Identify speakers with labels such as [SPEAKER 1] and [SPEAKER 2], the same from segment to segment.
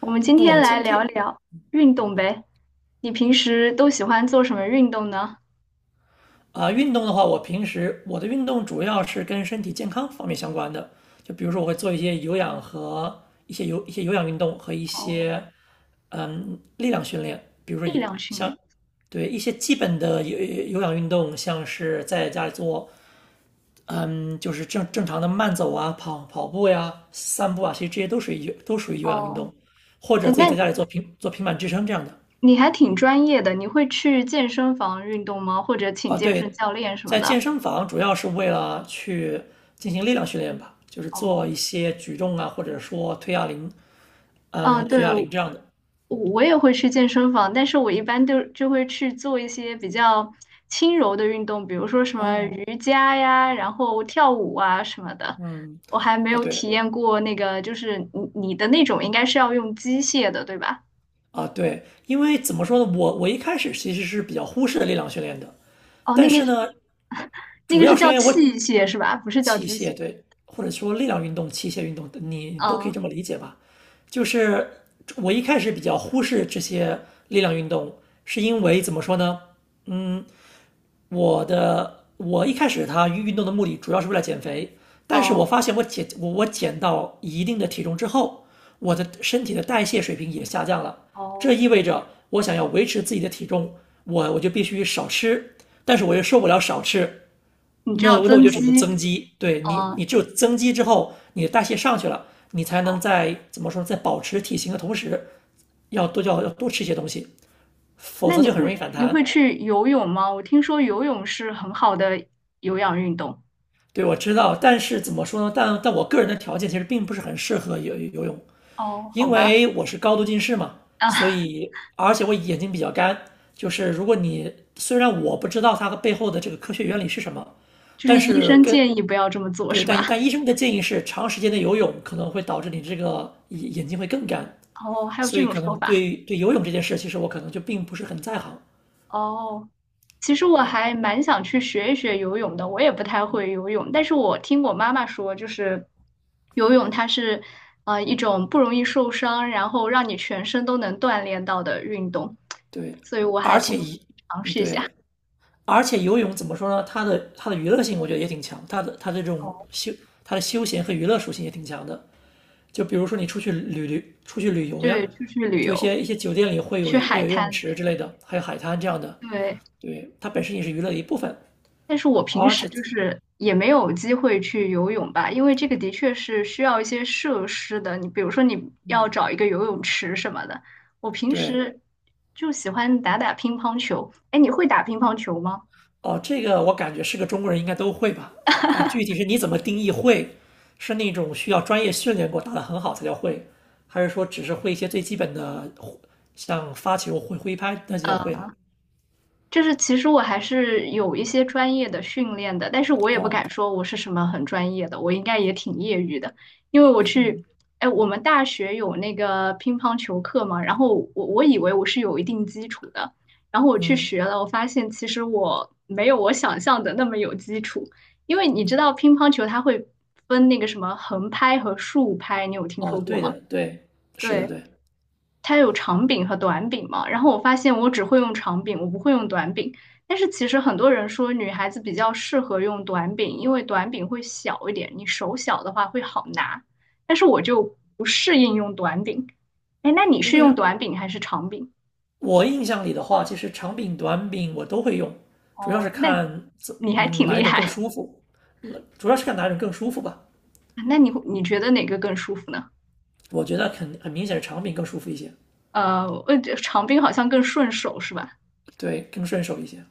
[SPEAKER 1] 我们今
[SPEAKER 2] 那我
[SPEAKER 1] 天
[SPEAKER 2] 们
[SPEAKER 1] 来
[SPEAKER 2] 今
[SPEAKER 1] 聊
[SPEAKER 2] 天
[SPEAKER 1] 聊运动呗。你平时都喜欢做什么运动呢？
[SPEAKER 2] 运动的话，我平时我的运动主要是跟身体健康方面相关的，就比如说我会做一些有氧和一些有氧运动和一
[SPEAKER 1] 哦，
[SPEAKER 2] 些力量训练，比如说
[SPEAKER 1] 力量训
[SPEAKER 2] 像
[SPEAKER 1] 练。
[SPEAKER 2] 对一些基本的有氧运动，像是在家里做，嗯，就是正常的慢走啊、跑步呀、散步啊，其实这些都属于有氧运动，
[SPEAKER 1] 哦，
[SPEAKER 2] 或者
[SPEAKER 1] 哎，
[SPEAKER 2] 自己在
[SPEAKER 1] 那
[SPEAKER 2] 家里做平板支撑这样的。
[SPEAKER 1] 你还挺专业的，你会去健身房运动吗？或者请
[SPEAKER 2] 啊，
[SPEAKER 1] 健身
[SPEAKER 2] 对，
[SPEAKER 1] 教练什么
[SPEAKER 2] 在健
[SPEAKER 1] 的？
[SPEAKER 2] 身房主要是为了去进行力量训练吧，就是
[SPEAKER 1] 哦，
[SPEAKER 2] 做一些举重啊，或者说推哑铃，嗯，
[SPEAKER 1] 嗯，对，
[SPEAKER 2] 举哑铃这样的。
[SPEAKER 1] 我也会去健身房，但是我一般都就会去做一些比较轻柔的运动，比如说什么
[SPEAKER 2] 哦，
[SPEAKER 1] 瑜伽呀，然后跳舞啊什么的。
[SPEAKER 2] 嗯，
[SPEAKER 1] 我还没
[SPEAKER 2] 啊，
[SPEAKER 1] 有
[SPEAKER 2] 对，
[SPEAKER 1] 体验过那个，就是你的那种应该是要用机械的，对吧？
[SPEAKER 2] 啊，对，因为怎么说呢，我一开始其实是比较忽视力量训练的。
[SPEAKER 1] 哦，
[SPEAKER 2] 但
[SPEAKER 1] 那个
[SPEAKER 2] 是
[SPEAKER 1] 是
[SPEAKER 2] 呢，
[SPEAKER 1] 那
[SPEAKER 2] 主
[SPEAKER 1] 个是
[SPEAKER 2] 要是
[SPEAKER 1] 叫
[SPEAKER 2] 因为我
[SPEAKER 1] 器械是吧？不是叫
[SPEAKER 2] 器
[SPEAKER 1] 机
[SPEAKER 2] 械，
[SPEAKER 1] 械。
[SPEAKER 2] 对，或者说力量运动、器械运动，你都可以这
[SPEAKER 1] 嗯，
[SPEAKER 2] 么理解吧。就是我一开始比较忽视这些力量运动，是因为怎么说呢？我一开始它运动的目的主要是为了减肥，但是我
[SPEAKER 1] 哦
[SPEAKER 2] 发现我减到一定的体重之后，我的身体的代谢水平也下降了，这
[SPEAKER 1] 哦，
[SPEAKER 2] 意味着我想要维持自己的体重，我就必须少吃，但是我又受不了少吃，
[SPEAKER 1] 你知
[SPEAKER 2] 那
[SPEAKER 1] 道
[SPEAKER 2] 那我
[SPEAKER 1] 增
[SPEAKER 2] 就只能增
[SPEAKER 1] 肌，
[SPEAKER 2] 肌。对。你，
[SPEAKER 1] 嗯
[SPEAKER 2] 你只有增肌之后，你的代谢上去了，你才能，
[SPEAKER 1] 哦，
[SPEAKER 2] 在怎么说，在保持体型的同时，要多吃一些东西，否
[SPEAKER 1] 那
[SPEAKER 2] 则
[SPEAKER 1] 你
[SPEAKER 2] 就很容易
[SPEAKER 1] 会
[SPEAKER 2] 反
[SPEAKER 1] 你会
[SPEAKER 2] 弹。
[SPEAKER 1] 去游泳吗？我听说游泳是很好的有氧运动。
[SPEAKER 2] 对，我知道，但是怎么说呢？但但我个人的条件其实并不是很适合游泳，
[SPEAKER 1] 哦，好
[SPEAKER 2] 因
[SPEAKER 1] 吧，
[SPEAKER 2] 为我是高度近视嘛，所
[SPEAKER 1] 啊。
[SPEAKER 2] 以而且我眼睛比较干。就是如果你虽然我不知道它背后的这个科学原理是什么，
[SPEAKER 1] 就是
[SPEAKER 2] 但
[SPEAKER 1] 医
[SPEAKER 2] 是
[SPEAKER 1] 生
[SPEAKER 2] 跟
[SPEAKER 1] 建议不要这么做，
[SPEAKER 2] 对，
[SPEAKER 1] 是吧？
[SPEAKER 2] 但 但医生的建议是，长时间的游泳可能会导致你这个眼睛会更干，
[SPEAKER 1] 哦，还有
[SPEAKER 2] 所
[SPEAKER 1] 这
[SPEAKER 2] 以
[SPEAKER 1] 种
[SPEAKER 2] 可
[SPEAKER 1] 说
[SPEAKER 2] 能
[SPEAKER 1] 法。
[SPEAKER 2] 对游泳这件事，其实我可能就并不是很在行。
[SPEAKER 1] 哦，其实我
[SPEAKER 2] 对
[SPEAKER 1] 还蛮想去学一学游泳的，我也不太会游泳，但是我听我妈妈说，就是游泳它是一种不容易受伤，然后让你全身都能锻炼到的运动，
[SPEAKER 2] 对，
[SPEAKER 1] 所以我还
[SPEAKER 2] 而
[SPEAKER 1] 挺
[SPEAKER 2] 且
[SPEAKER 1] 想
[SPEAKER 2] 一
[SPEAKER 1] 尝
[SPEAKER 2] 嗯
[SPEAKER 1] 试一
[SPEAKER 2] 对，
[SPEAKER 1] 下。
[SPEAKER 2] 而且游泳怎么说呢？它的娱乐性我觉得也挺强，它的这
[SPEAKER 1] 哦，
[SPEAKER 2] 种休它的休闲和娱乐属性也挺强的。就比如说你出去旅游呀，
[SPEAKER 1] 对，出去旅
[SPEAKER 2] 就一
[SPEAKER 1] 游，
[SPEAKER 2] 些一些酒店里会有
[SPEAKER 1] 去
[SPEAKER 2] 会
[SPEAKER 1] 海
[SPEAKER 2] 有游泳
[SPEAKER 1] 滩里
[SPEAKER 2] 池
[SPEAKER 1] 面。
[SPEAKER 2] 之类的，还有海滩这样的。
[SPEAKER 1] 对。
[SPEAKER 2] 对，它本身也是娱乐的一部分，
[SPEAKER 1] 但是我平
[SPEAKER 2] 而
[SPEAKER 1] 时
[SPEAKER 2] 且
[SPEAKER 1] 就是也没有机会去游泳吧，因为这个的确是需要一些设施的。你比如说，你要
[SPEAKER 2] 嗯，
[SPEAKER 1] 找一个游泳池什么的。我平
[SPEAKER 2] 对。
[SPEAKER 1] 时就喜欢打打乒乓球。哎，你会打乒乓球吗？
[SPEAKER 2] 哦，这个我感觉是个中国人应该都会吧？但具体是你怎么定义会，是那种需要专业训练过打得很好才叫会，还是说只是会一些最基本的，像发球、挥拍那就叫会了？
[SPEAKER 1] 就是其实我还是有一些专业的训练的，但是我也不
[SPEAKER 2] 哦，
[SPEAKER 1] 敢说我是什么很专业的，我应该也挺业余的，因为我去，哎，我们大学有那个乒乓球课嘛，然后我以为我是有一定基础的，然后我去
[SPEAKER 2] 嗯，
[SPEAKER 1] 学了，我发现其实我没有我想象的那么有基础，因为你知道乒乓球它会分那个什么横拍和竖拍，你有听
[SPEAKER 2] 哦，
[SPEAKER 1] 说过
[SPEAKER 2] 对
[SPEAKER 1] 吗？
[SPEAKER 2] 的，对，是的，
[SPEAKER 1] 对。
[SPEAKER 2] 对。
[SPEAKER 1] 它有长柄和短柄嘛，然后我发现我只会用长柄，我不会用短柄。但是其实很多人说女孩子比较适合用短柄，因为短柄会小一点，你手小的话会好拿。但是我就不适应用短柄。哎，那你
[SPEAKER 2] 那
[SPEAKER 1] 是
[SPEAKER 2] 为什
[SPEAKER 1] 用
[SPEAKER 2] 么
[SPEAKER 1] 短柄还是长柄？
[SPEAKER 2] 我印象里的话，其实长柄、短柄我都会用，主要是
[SPEAKER 1] 哦，那
[SPEAKER 2] 看
[SPEAKER 1] 你还挺
[SPEAKER 2] 哪
[SPEAKER 1] 厉
[SPEAKER 2] 一种更
[SPEAKER 1] 害。
[SPEAKER 2] 舒服，主要是看哪一种更舒服吧。
[SPEAKER 1] 那你你觉得哪个更舒服呢？
[SPEAKER 2] 我觉得肯很明显是长柄更舒服一些，
[SPEAKER 1] 我觉得长柄好像更顺手是吧？
[SPEAKER 2] 对，更顺手一些。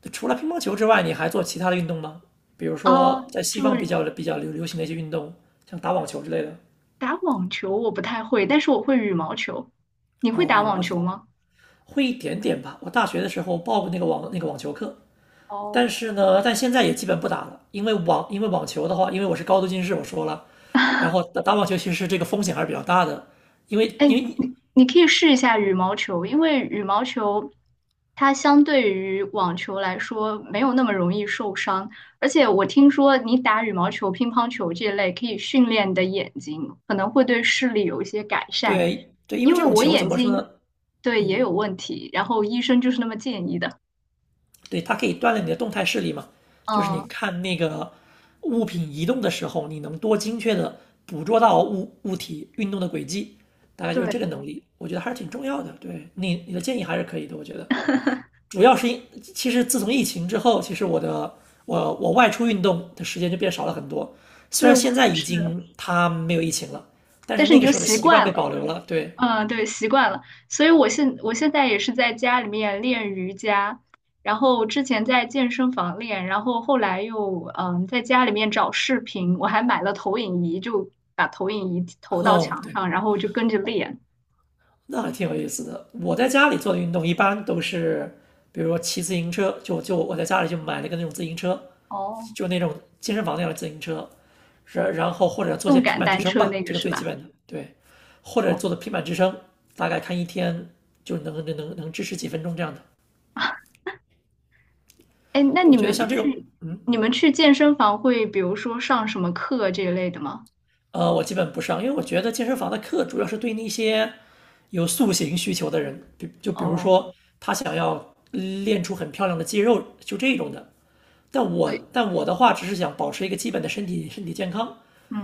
[SPEAKER 2] 对，除了乒乓球之外，你还做其他的运动吗？比如
[SPEAKER 1] 哦，
[SPEAKER 2] 说在西
[SPEAKER 1] 就
[SPEAKER 2] 方比较流行的一些运动，像打网球之类的。
[SPEAKER 1] 打网球我不太会，但是我会羽毛球。你会
[SPEAKER 2] 哦，
[SPEAKER 1] 打
[SPEAKER 2] 羽
[SPEAKER 1] 网
[SPEAKER 2] 毛球
[SPEAKER 1] 球吗？
[SPEAKER 2] 会一点点吧。我大学的时候报过那个网球课，
[SPEAKER 1] 哦，
[SPEAKER 2] 但是呢，但现在也基本不打了，因为网球的话，因为我是高度近视，我说了，然后打网球其实这个风险还是比较大的，因为
[SPEAKER 1] 哎，
[SPEAKER 2] 因为你
[SPEAKER 1] 你你可以试一下羽毛球，因为羽毛球它相对于网球来说没有那么容易受伤，而且我听说你打羽毛球、乒乓球这类可以训练你的眼睛，可能会对视力有一些改善。
[SPEAKER 2] 对对，因为
[SPEAKER 1] 因
[SPEAKER 2] 这
[SPEAKER 1] 为
[SPEAKER 2] 种
[SPEAKER 1] 我
[SPEAKER 2] 球怎
[SPEAKER 1] 眼
[SPEAKER 2] 么说
[SPEAKER 1] 睛
[SPEAKER 2] 呢？
[SPEAKER 1] 对也
[SPEAKER 2] 嗯，
[SPEAKER 1] 有问题，然后医生就是那么建议的。
[SPEAKER 2] 对，它可以锻炼你的动态视力嘛，就是你
[SPEAKER 1] 嗯，
[SPEAKER 2] 看那个物品移动的时候，你能多精确的捕捉到物体运动的轨迹，大概就是
[SPEAKER 1] 对
[SPEAKER 2] 这个能力，我觉得还是挺重要的。对，你你的建议还是可以的，我觉得。主要是因，其实自从疫情之后，其实我的我我外出运动的时间就变少了很多。虽
[SPEAKER 1] 对，
[SPEAKER 2] 然
[SPEAKER 1] 我
[SPEAKER 2] 现在
[SPEAKER 1] 也
[SPEAKER 2] 已
[SPEAKER 1] 是，
[SPEAKER 2] 经它没有疫情了，但是
[SPEAKER 1] 但是
[SPEAKER 2] 那
[SPEAKER 1] 你
[SPEAKER 2] 个
[SPEAKER 1] 就
[SPEAKER 2] 时候的
[SPEAKER 1] 习
[SPEAKER 2] 习惯
[SPEAKER 1] 惯
[SPEAKER 2] 被
[SPEAKER 1] 了。
[SPEAKER 2] 保留了。对。
[SPEAKER 1] 嗯，对，习惯了，所以我现在也是在家里面练瑜伽，然后之前在健身房练，然后后来又在家里面找视频，我还买了投影仪，就把投影仪投到
[SPEAKER 2] 哦，
[SPEAKER 1] 墙
[SPEAKER 2] 对，
[SPEAKER 1] 上，然后就跟着练。
[SPEAKER 2] 那还挺有意思的。我在家里做的运动一般都是，比如说骑自行车，就我在家里就买了一个那种自行车，
[SPEAKER 1] 哦，
[SPEAKER 2] 就那种健身房那样的自行车，然后或者做些
[SPEAKER 1] 动
[SPEAKER 2] 平
[SPEAKER 1] 感
[SPEAKER 2] 板支
[SPEAKER 1] 单
[SPEAKER 2] 撑
[SPEAKER 1] 车
[SPEAKER 2] 吧，
[SPEAKER 1] 那个
[SPEAKER 2] 这个
[SPEAKER 1] 是
[SPEAKER 2] 最基
[SPEAKER 1] 吧？
[SPEAKER 2] 本的，对，或者
[SPEAKER 1] 哦，
[SPEAKER 2] 做的平板支撑，大概看一天就能支持几分钟这样的。
[SPEAKER 1] 哎，那
[SPEAKER 2] 我
[SPEAKER 1] 你
[SPEAKER 2] 觉得
[SPEAKER 1] 们
[SPEAKER 2] 像这种，
[SPEAKER 1] 去你们去健身房会比如说上什么课这一类的吗？
[SPEAKER 2] 呃，我基本不上，因为我觉得健身房的课主要是对那些有塑形需求的人，比如
[SPEAKER 1] 哦，
[SPEAKER 2] 说他想要练出很漂亮的肌肉，就这种的。但我
[SPEAKER 1] 对，
[SPEAKER 2] 但我的话，只是想保持一个基本的身体健康，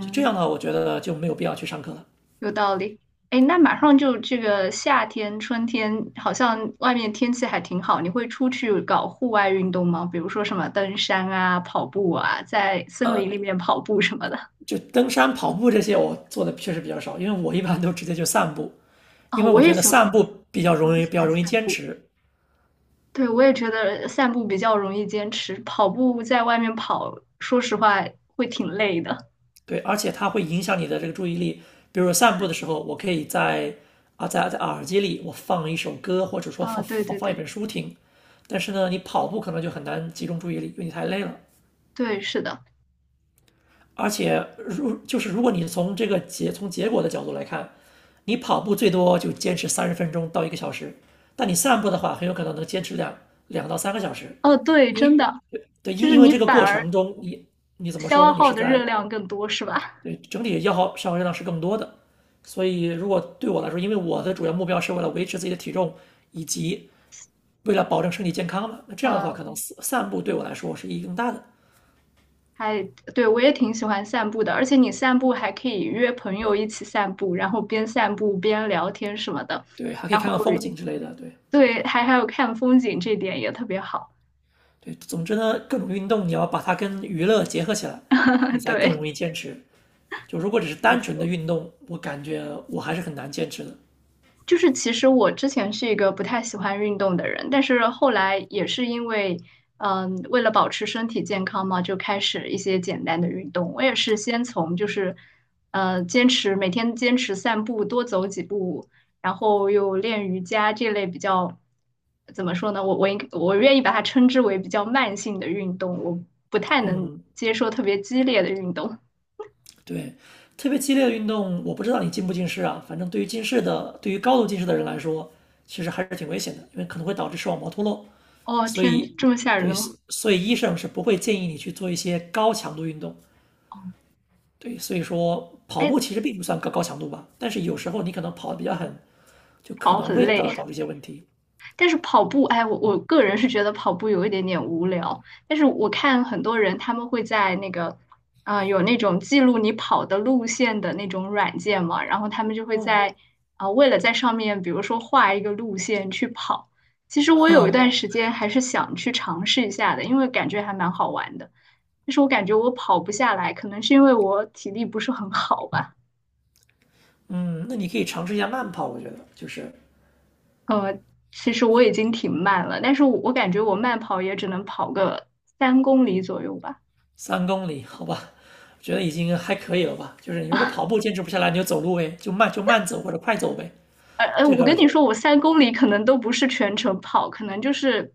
[SPEAKER 2] 所以这样的话，我觉得就没有必要去上课了。
[SPEAKER 1] 有道理。哎，那马上就这个夏天、春天，好像外面天气还挺好。你会出去搞户外运动吗？比如说什么登山啊、跑步啊，在森林里面跑步什么的。
[SPEAKER 2] 就登山、跑步这些，我做的确实比较少，因为我一般都直接就散步，因
[SPEAKER 1] 啊，
[SPEAKER 2] 为
[SPEAKER 1] 我
[SPEAKER 2] 我
[SPEAKER 1] 也
[SPEAKER 2] 觉得
[SPEAKER 1] 喜欢，
[SPEAKER 2] 散步比较
[SPEAKER 1] 我
[SPEAKER 2] 容
[SPEAKER 1] 也
[SPEAKER 2] 易
[SPEAKER 1] 喜
[SPEAKER 2] 比较
[SPEAKER 1] 欢
[SPEAKER 2] 容易
[SPEAKER 1] 散
[SPEAKER 2] 坚
[SPEAKER 1] 步。
[SPEAKER 2] 持，
[SPEAKER 1] 对，我也觉得散步比较容易坚持，跑步在外面跑，说实话会挺累的。
[SPEAKER 2] 对，而且它会影响你的这个注意力。比如说散步的时候，我可以在啊在在耳机里我放一首歌，或者说
[SPEAKER 1] 啊，
[SPEAKER 2] 放
[SPEAKER 1] 对
[SPEAKER 2] 放
[SPEAKER 1] 对
[SPEAKER 2] 放一
[SPEAKER 1] 对
[SPEAKER 2] 本书听。但是呢，你跑步可能就很难集中注意力，因为你太累了。
[SPEAKER 1] 对，是的。
[SPEAKER 2] 而且就是如果你从这个结果的角度来看，你跑步最多就坚持30分钟到一个小时，但你散步的话，很有可能能坚持两到三个小时，
[SPEAKER 1] 哦，对，
[SPEAKER 2] 因
[SPEAKER 1] 真
[SPEAKER 2] 为
[SPEAKER 1] 的，
[SPEAKER 2] 对，
[SPEAKER 1] 就
[SPEAKER 2] 因
[SPEAKER 1] 是
[SPEAKER 2] 因为
[SPEAKER 1] 你
[SPEAKER 2] 这个
[SPEAKER 1] 反
[SPEAKER 2] 过
[SPEAKER 1] 而
[SPEAKER 2] 程中你怎么说
[SPEAKER 1] 消
[SPEAKER 2] 呢？你
[SPEAKER 1] 耗
[SPEAKER 2] 是
[SPEAKER 1] 的热
[SPEAKER 2] 在。
[SPEAKER 1] 量更多，是吧？
[SPEAKER 2] 对，整体消耗热量是更多的。所以，如果对我来说，因为我的主要目标是为了维持自己的体重，以及为了保证身体健康嘛，那这样的话，可
[SPEAKER 1] 嗯。
[SPEAKER 2] 能散步对我来说是意义更大的。
[SPEAKER 1] 还，对，我也挺喜欢散步的，而且你散步还可以约朋友一起散步，然后边散步边聊天什么的，
[SPEAKER 2] 对，还可以
[SPEAKER 1] 然
[SPEAKER 2] 看
[SPEAKER 1] 后
[SPEAKER 2] 看风景之类的。对，
[SPEAKER 1] 对，还还有看风景，这点也特别好。
[SPEAKER 2] 对，总之呢，各种运动你要把它跟娱乐结合起来，你 才更
[SPEAKER 1] 对，
[SPEAKER 2] 容易坚持。就如果只是
[SPEAKER 1] 没
[SPEAKER 2] 单纯的
[SPEAKER 1] 错。
[SPEAKER 2] 运动，我感觉我还是很难坚持的。
[SPEAKER 1] 就是其实我之前是一个不太喜欢运动的人，但是后来也是因为，嗯，为了保持身体健康嘛，就开始一些简单的运动。我也是先从就是，坚持每天坚持散步，多走几步，然后又练瑜伽这类比较，怎么说呢？我愿意把它称之为比较慢性的运动，我不太能接受特别激烈的运动。
[SPEAKER 2] 对，特别激烈的运动，我不知道你近不近视啊。反正对于近视的，对于高度近视的人来说，其实还是挺危险的，因为可能会导致视网膜脱落。
[SPEAKER 1] 哦，
[SPEAKER 2] 所
[SPEAKER 1] 天，
[SPEAKER 2] 以，
[SPEAKER 1] 这么吓人的
[SPEAKER 2] 对，
[SPEAKER 1] 吗？
[SPEAKER 2] 所以医生是不会建议你去做一些高强度运动。对，所以说跑
[SPEAKER 1] 哎，
[SPEAKER 2] 步其实并不算高强度吧，但是有时候你可能跑得比较狠，就可
[SPEAKER 1] 跑
[SPEAKER 2] 能
[SPEAKER 1] 很
[SPEAKER 2] 会导
[SPEAKER 1] 累。
[SPEAKER 2] 导致一些问题。
[SPEAKER 1] 但是跑步，哎，我个人是觉得跑步有一点点无聊。但是我看很多人他们会在那个，啊，有那种记录你跑的路线的那种软件嘛，然后他们就会
[SPEAKER 2] 哦，
[SPEAKER 1] 在为了在上面，比如说画一个路线去跑。其实 我有一
[SPEAKER 2] 哼。
[SPEAKER 1] 段时间还是想去尝试一下的，因为感觉还蛮好玩的。但是我感觉我跑不下来，可能是因为我体力不是很好吧。
[SPEAKER 2] 嗯，那你可以尝试一下慢跑，我觉得就是
[SPEAKER 1] 呃，其实我已经挺慢了，但是我感觉我慢跑也只能跑个三公里左右吧。
[SPEAKER 2] 3公里，好吧，我觉得已经还可以了吧。就是你如果跑步坚持不下来，你就走路呗，就慢就慢走或者快走呗。这
[SPEAKER 1] 我
[SPEAKER 2] 个
[SPEAKER 1] 跟你说，我三公里可能都不是全程跑，可能就是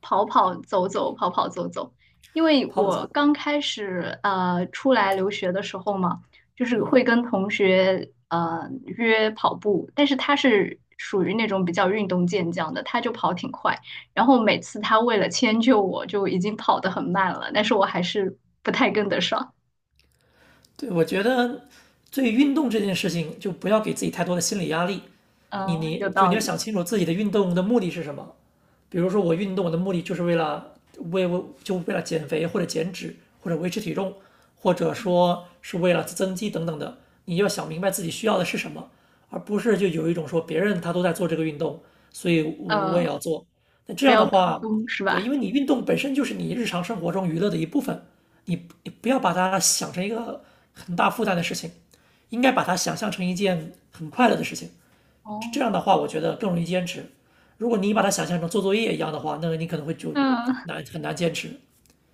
[SPEAKER 1] 跑跑走走，跑跑走走。因为
[SPEAKER 2] 跑
[SPEAKER 1] 我
[SPEAKER 2] 步，
[SPEAKER 1] 刚开始出来留学的时候嘛，就是会跟同学约跑步，但是他是属于那种比较运动健将的，他就跑挺快。然后每次他为了迁就我，就已经跑得很慢了，但是我还是不太跟得上。
[SPEAKER 2] 对，我觉得对运动这件事情，就不要给自己太多的心理压力。
[SPEAKER 1] 嗯、有道
[SPEAKER 2] 你要
[SPEAKER 1] 理。
[SPEAKER 2] 想清楚自己的运动的目的是什么。比如说我运动我的目的就是为了减肥或者减脂或者维持体重，或者说是为了增肌等等的。你要想明白自己需要的是什么，而不是就有一种说别人他都在做这个运动，所以我也
[SPEAKER 1] 嗯、
[SPEAKER 2] 要做。那这
[SPEAKER 1] 不
[SPEAKER 2] 样
[SPEAKER 1] 要
[SPEAKER 2] 的
[SPEAKER 1] 跟
[SPEAKER 2] 话，
[SPEAKER 1] 风是
[SPEAKER 2] 对，
[SPEAKER 1] 吧？
[SPEAKER 2] 因为你运动本身就是你日常生活中娱乐的一部分，你你不要把它想成一个很大负担的事情，应该把它想象成一件很快乐的事情。
[SPEAKER 1] 哦，
[SPEAKER 2] 这样的话，我觉得更容易坚持。如果你把它想象成做作业一样的话，那你可能会就
[SPEAKER 1] 嗯。
[SPEAKER 2] 难很难坚持。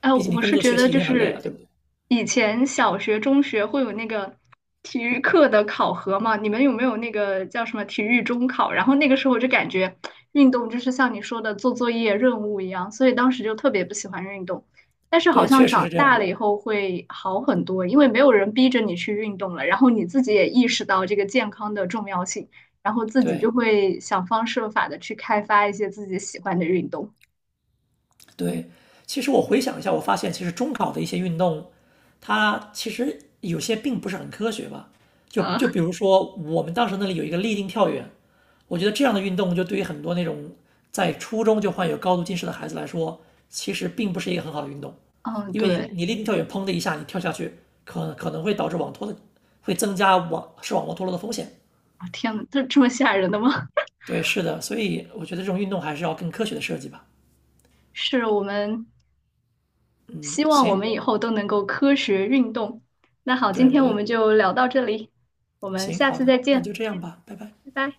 [SPEAKER 1] 哎，
[SPEAKER 2] 毕竟你
[SPEAKER 1] 我
[SPEAKER 2] 工
[SPEAKER 1] 是
[SPEAKER 2] 作
[SPEAKER 1] 觉
[SPEAKER 2] 学
[SPEAKER 1] 得
[SPEAKER 2] 习已
[SPEAKER 1] 就
[SPEAKER 2] 经很累了，对
[SPEAKER 1] 是
[SPEAKER 2] 不对？
[SPEAKER 1] 以前小学、中学会有那个体育课的考核嘛，你们有没有那个叫什么体育中考？然后那个时候我就感觉运动就是像你说的做作业任务一样，所以当时就特别不喜欢运动。但是好
[SPEAKER 2] 对，
[SPEAKER 1] 像
[SPEAKER 2] 确实是
[SPEAKER 1] 长
[SPEAKER 2] 这样
[SPEAKER 1] 大
[SPEAKER 2] 的。
[SPEAKER 1] 了以后会好很多，因为没有人逼着你去运动了，然后你自己也意识到这个健康的重要性，然后自己就
[SPEAKER 2] 对，
[SPEAKER 1] 会想方设法的去开发一些自己喜欢的运动。
[SPEAKER 2] 对，其实我回想一下，我发现其实中考的一些运动，它其实有些并不是很科学吧。就
[SPEAKER 1] 嗯
[SPEAKER 2] 比如说我们当时那里有一个立定跳远，我觉得这样的运动就对于很多那种在初中就患有高度近视的孩子来说，其实并不是一个很好的运动，
[SPEAKER 1] 嗯，
[SPEAKER 2] 因为你
[SPEAKER 1] 对。
[SPEAKER 2] 你立定跳远砰的一下你跳下去，可能会导致网脱的，会增加视网膜脱落的风险。
[SPEAKER 1] 啊，天呐，这这么吓人的吗？
[SPEAKER 2] 对，是的，所以我觉得这种运动还是要更科学的设计吧。
[SPEAKER 1] 是我们
[SPEAKER 2] 嗯，
[SPEAKER 1] 希望我
[SPEAKER 2] 行，
[SPEAKER 1] 们以后都能够科学运动。那好，今
[SPEAKER 2] 对，我
[SPEAKER 1] 天
[SPEAKER 2] 觉
[SPEAKER 1] 我
[SPEAKER 2] 得
[SPEAKER 1] 们就聊到这里，我们
[SPEAKER 2] 行，
[SPEAKER 1] 下
[SPEAKER 2] 好
[SPEAKER 1] 次
[SPEAKER 2] 的，
[SPEAKER 1] 再
[SPEAKER 2] 那
[SPEAKER 1] 见，
[SPEAKER 2] 就这样吧，拜拜。
[SPEAKER 1] 拜拜。